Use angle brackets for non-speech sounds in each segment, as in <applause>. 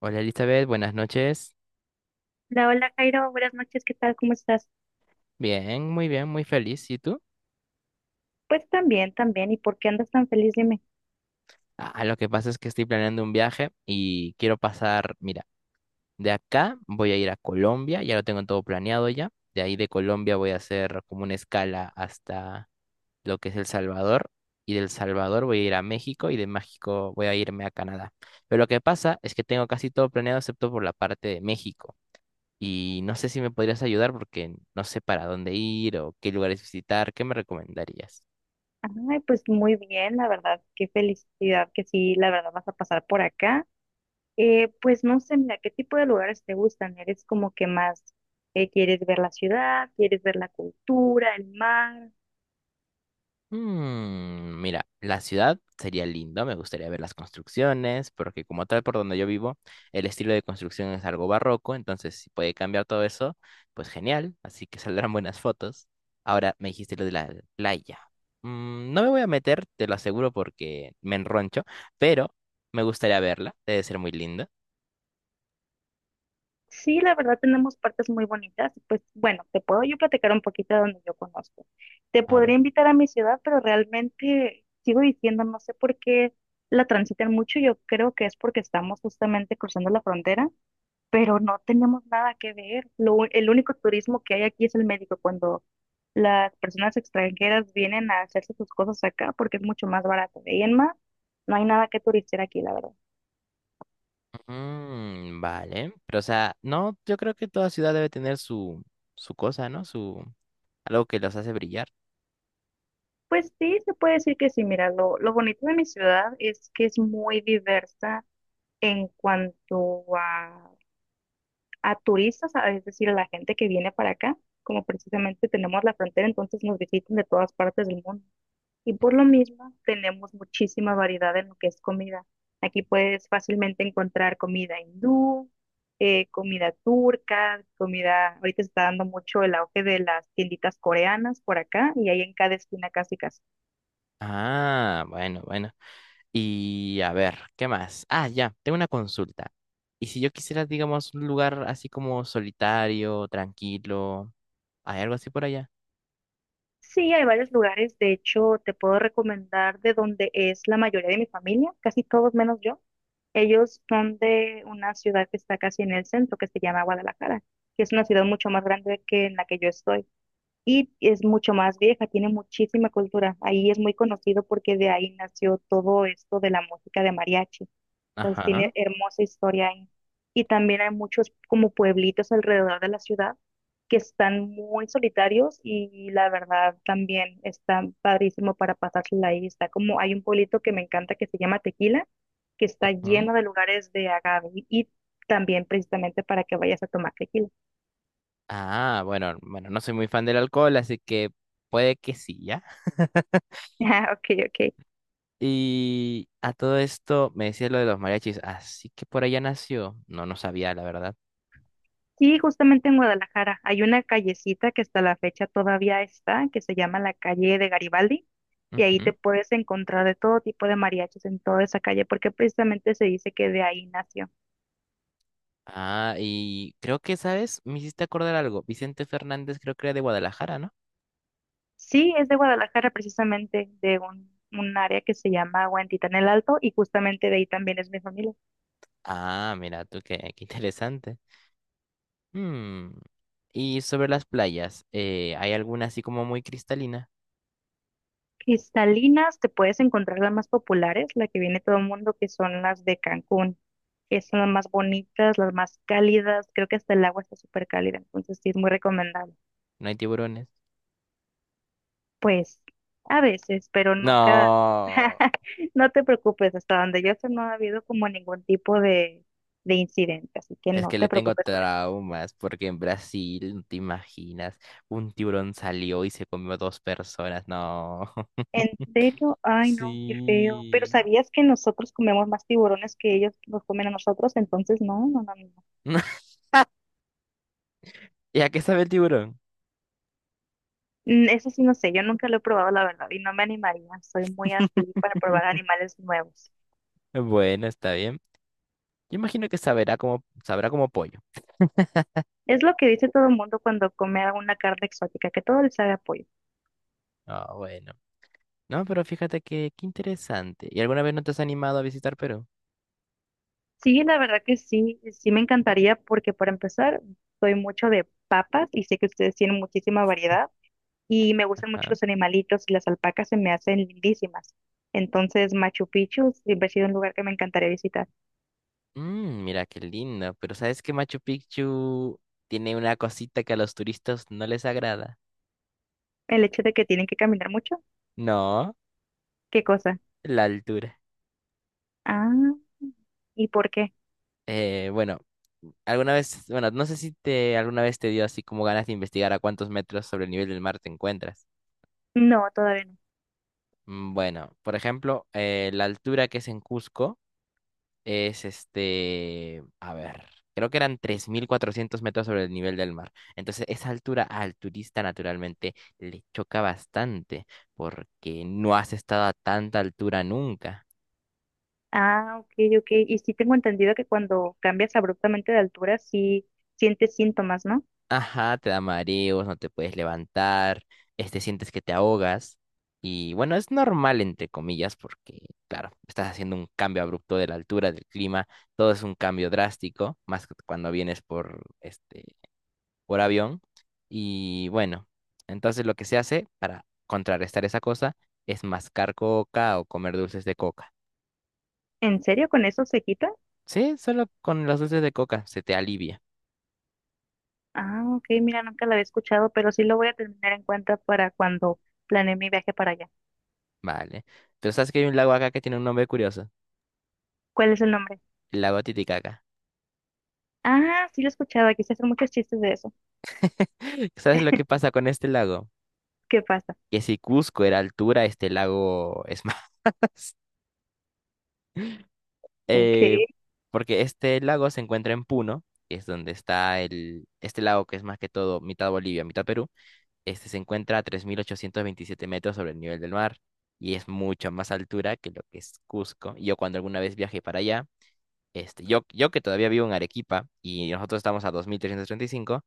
Hola Elizabeth, buenas noches. Hola, hola Jairo, buenas noches, ¿qué tal? ¿Cómo estás? Bien, muy feliz. ¿Y tú? Pues también, también. ¿Y por qué andas tan feliz? Dime. Ah, lo que pasa es que estoy planeando un viaje y quiero pasar, mira, de acá voy a ir a Colombia, ya lo tengo todo planeado ya. De ahí de Colombia voy a hacer como una escala hasta lo que es El Salvador y del Salvador voy a ir a México y de México voy a irme a Canadá. Pero lo que pasa es que tengo casi todo planeado excepto por la parte de México. Y no sé si me podrías ayudar porque no sé para dónde ir o qué lugares visitar, ¿qué me recomendarías? Ay, pues muy bien, la verdad, qué felicidad que sí, la verdad vas a pasar por acá. Pues no sé, mira, ¿qué tipo de lugares te gustan? ¿Eres como que más quieres ver la ciudad, quieres ver la cultura, el mar? Mira, la ciudad sería lindo, me gustaría ver las construcciones, porque como tal por donde yo vivo, el estilo de construcción es algo barroco, entonces si puede cambiar todo eso, pues genial, así que <laughs> saldrán buenas fotos. Ahora me dijiste lo de la playa. No me voy a meter, te lo aseguro porque me enroncho, pero me gustaría verla, debe ser muy linda. Sí, la verdad tenemos partes muy bonitas. Pues bueno, te puedo yo platicar un poquito de donde yo conozco. Te A podría ver. invitar a mi ciudad, pero realmente sigo diciendo, no sé por qué la transitan mucho. Yo creo que es porque estamos justamente cruzando la frontera, pero no tenemos nada que ver. El único turismo que hay aquí es el médico, cuando las personas extranjeras vienen a hacerse sus cosas acá porque es mucho más barato. De ahí en más, no hay nada que turistear aquí, la verdad. Vale, pero o sea, no, yo creo que toda ciudad debe tener su, su cosa, ¿no? Su, algo que los hace brillar. Pues sí, se puede decir que sí. Mira, lo bonito de mi ciudad es que es muy diversa en cuanto a turistas, es decir, a la gente que viene para acá, como precisamente tenemos la frontera, entonces nos visitan de todas partes del mundo. Y por lo mismo, tenemos muchísima variedad en lo que es comida. Aquí puedes fácilmente encontrar comida hindú, comida turca, comida, ahorita se está dando mucho el auge de las tienditas coreanas por acá, y hay en cada esquina casi casi. Ah, bueno, bueno. Y a ver, ¿qué más? Ah, ya, tengo una consulta. Y si yo quisiera, digamos, un lugar así como solitario, tranquilo, ¿hay algo así por allá? Sí, hay varios lugares, de hecho, te puedo recomendar de donde es la mayoría de mi familia, casi todos menos yo. Ellos son de una ciudad que está casi en el centro, que se llama Guadalajara, que es una ciudad mucho más grande que en la que yo estoy y es mucho más vieja, tiene muchísima cultura. Ahí es muy conocido porque de ahí nació todo esto de la música de mariachi. Entonces tiene Ajá. hermosa historia ahí. Y también hay muchos como pueblitos alrededor de la ciudad que están muy solitarios y la verdad también está padrísimo para pasársela ahí. Está como hay un pueblito que me encanta que se llama Tequila, que está lleno ¿Mm? de lugares de agave y también precisamente para que vayas a tomar tequila. <laughs> Ah, bueno, bueno, no soy muy fan del alcohol, así que puede que sí, ¿ya? Ah, ok, ok. Y a todo esto me decía lo de los mariachis, así que por allá nació. No, no sabía, la verdad. Sí, justamente en Guadalajara hay una callecita que hasta la fecha todavía está, que se llama la calle de Garibaldi, y ahí Ujú. te puedes encontrar de todo tipo de mariachis en toda esa calle, porque precisamente se dice que de ahí nació. Ah, y creo que, ¿sabes? Me hiciste acordar algo. Vicente Fernández creo que era de Guadalajara, ¿no? Sí, es de Guadalajara, precisamente de un área que se llama Huentitán el Alto, y justamente de ahí también es mi familia. Ah, mira tú, qué, qué interesante. Hmm, Y sobre las playas, ¿hay alguna así como muy cristalina? Cristalinas, te puedes encontrar las más populares, la que viene todo el mundo, que son las de Cancún, que son las más bonitas, las más cálidas, creo que hasta el agua está súper cálida, entonces sí es muy recomendable. ¿No hay tiburones? Pues a veces, pero nunca, No, <laughs> no te preocupes, hasta donde yo sé no ha habido como ningún tipo de incidente, así que es no que le te tengo preocupes por eso. traumas porque en Brasil, no te imaginas, un tiburón salió y se comió dos personas. No. ¿En serio? <laughs> Ay, no, qué feo. Pero Sí. ¿sabías que nosotros comemos más tiburones que ellos los comen a nosotros? Entonces, no, no, no, no. <laughs> ¿Y a qué sabe el tiburón? Mm, eso sí, no sé, yo nunca lo he probado, la verdad, y no me animaría. Soy muy así para probar <laughs> animales nuevos. Bueno, está bien. Yo imagino que sabrá como pollo. Es lo que dice todo el mundo cuando come alguna carne exótica, que todo le sabe a pollo. Ah, bueno. No, pero fíjate que qué interesante. ¿Y alguna vez no te has animado a visitar Perú? Sí, la verdad que sí, sí me encantaría porque para empezar, soy mucho de papas y sé que ustedes tienen muchísima variedad y me gustan Ah, mucho los animalitos y las alpacas se me hacen lindísimas. Entonces, Machu Picchu siempre ha sido un lugar que me encantaría visitar. Mira qué lindo. Pero ¿sabes que Machu Picchu tiene una cosita que a los turistas no les agrada? El hecho de que tienen que caminar mucho, No, ¿qué cosa? la altura. Ah, ¿y por qué? Bueno, alguna vez, bueno, no sé si te alguna vez te dio así como ganas de investigar a cuántos metros sobre el nivel del mar te encuentras. No, todavía no. Bueno, por ejemplo, la altura que es en Cusco. Es a ver, creo que eran 3.400 metros sobre el nivel del mar. Entonces, esa altura al turista naturalmente le choca bastante porque no has estado a tanta altura nunca. Ah, ok, ok. Y sí tengo entendido que cuando cambias abruptamente de altura, sí sientes síntomas, ¿no? Ajá, te da mareos, no te puedes levantar, sientes que te ahogas. Y bueno, es normal entre comillas porque, claro, estás haciendo un cambio abrupto de la altura, del clima, todo es un cambio drástico, más cuando vienes por avión. Y bueno, entonces lo que se hace para contrarrestar esa cosa es mascar coca o comer dulces de coca. ¿En serio con eso se quita? Sí, solo con los dulces de coca se te alivia, Ah, ok, mira, nunca la había escuchado, pero sí lo voy a tener en cuenta para cuando planee mi viaje para allá. ¿vale? Pero sabes que hay un lago acá que tiene un nombre curioso, ¿Cuál es el nombre? el lago Titicaca. Ah, sí lo he escuchado, aquí se hacen muchos chistes de eso. <laughs> ¿Sabes lo que pasa con este lago? ¿Qué pasa? Que si Cusco era altura, este lago es más. <laughs> Ok, Eh, Porque este lago se encuentra en Puno, que es donde está este lago que es más que todo mitad Bolivia, mitad Perú. Este se encuentra a 3.827 metros sobre el nivel del mar y es mucha más altura que lo que es Cusco. Yo cuando alguna vez viajé para allá, yo que todavía vivo en Arequipa y nosotros estamos a 2.335,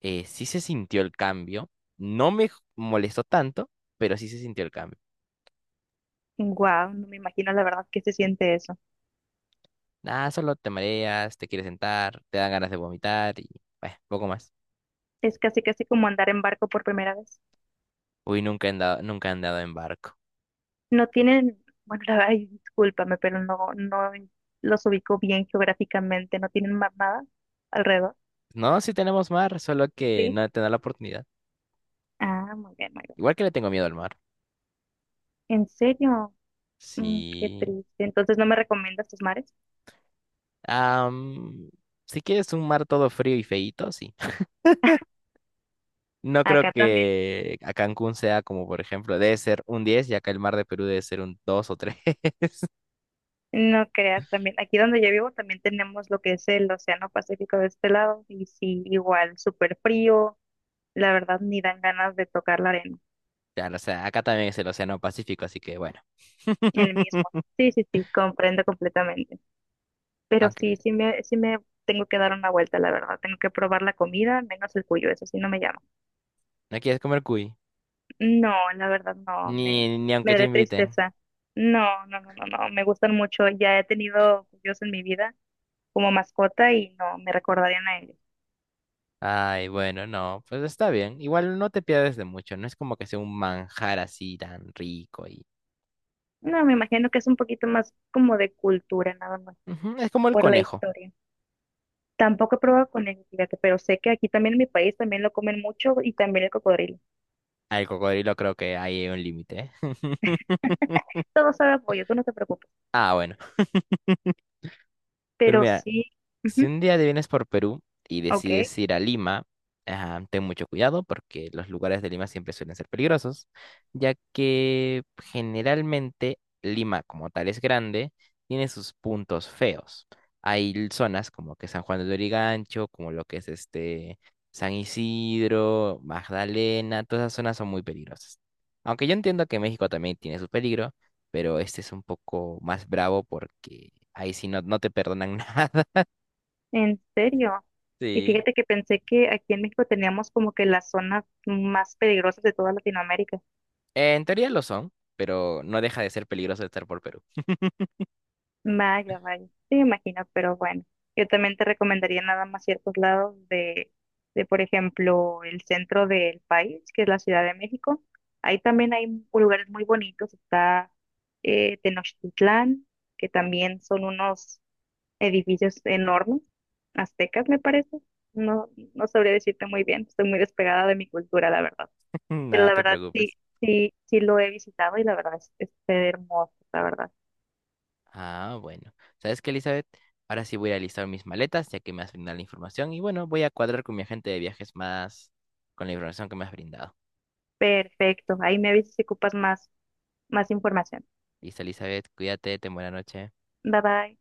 sí se sintió el cambio. No me molestó tanto, pero sí se sintió el cambio. wow, no me imagino la verdad que se siente eso. Nada, solo te mareas, te quieres sentar, te dan ganas de vomitar y bueno, poco más. Es casi casi como andar en barco por primera vez. Uy, nunca he andado en barco. No tienen, bueno, la verdad, ay, discúlpame, pero no, no los ubico bien geográficamente, no tienen más nada alrededor, No, sí tenemos mar, solo que ¿sí? no he tenido la oportunidad. Ah, muy bien, muy bien. Igual que le tengo miedo al mar. ¿En serio? Mm, qué Sí. triste. Entonces, ¿no me recomiendas tus mares? Am, si quieres un mar todo frío y feíto, sí. <laughs> No creo Acá también, que a Cancún sea como, por ejemplo, debe ser un 10, y acá el mar de Perú debe ser un 2 o tres. <laughs> no creas también. Aquí donde yo vivo también tenemos lo que es el Océano Pacífico de este lado y sí, igual, súper frío. La verdad, ni dan ganas de tocar la arena. Claro, o sea, acá también es el Océano Pacífico, así que bueno. El mismo. <laughs> Sí, sí, sí, comprendo completamente. Pero sí, Aunque sí me tengo que dar una vuelta, la verdad. Tengo que probar la comida, menos el cuyo, eso sí no me llama. no quieres comer cuy, No, la verdad no, ni me aunque te daré inviten. tristeza. No, no, no, no, no, me gustan mucho. Ya he tenido cuyos en mi vida como mascota y no, me recordarían a ellos. Ay, bueno, no, pues está bien. Igual no te pierdes de mucho, no es como que sea un manjar así tan rico y... No, me imagino que es un poquito más como de cultura, nada más, Ujú, es como el por la conejo. historia. Tampoco he probado con ellos, fíjate, pero sé que aquí también en mi país también lo comen mucho y también el cocodrilo. Al cocodrilo creo que ahí hay un límite. ¿Eh? <laughs> Todo sabe a pollo, tú no te preocupes. Ah, bueno. Pero Pero mira, sí, si ujú, un día te vienes por Perú y ok. decides ir a Lima, ah, ten mucho cuidado porque los lugares de Lima siempre suelen ser peligrosos, ya que generalmente Lima como tal es grande, tiene sus puntos feos. Hay zonas como que San Juan de Lurigancho, como lo que es San Isidro, Magdalena, todas esas zonas son muy peligrosas. Aunque yo entiendo que México también tiene su peligro, pero este es un poco más bravo porque ahí sí no, no te perdonan <laughs> nada. En serio. Y Sí, fíjate que pensé que aquí en México teníamos como que las zonas más peligrosas de toda Latinoamérica. En teoría lo son, pero no deja de ser peligroso estar por Perú. Vaya, vaya. Sí, me imagino, pero bueno. Yo también te recomendaría nada más ciertos lados de, por ejemplo, el centro del país, que es la Ciudad de México. Ahí también hay lugares muy bonitos. Está Tenochtitlán, que también son unos edificios enormes, aztecas, me parece. No, no sabría decirte muy bien. Estoy muy despegada de mi cultura, la verdad. <laughs> Pero Nada, la te verdad sí, preocupes. Sí lo he visitado y la verdad es hermoso, la verdad. Ah, bueno. ¿Sabes qué, Elizabeth? Ahora sí voy a listar mis maletas, ya que me has brindado la información. Y bueno, voy a cuadrar con mi agente de viajes más con la información que me has brindado. Perfecto. Ahí me avisas si ocupas más, más información. Listo, Elizabeth, cuídate, ten buena noche. Bye bye.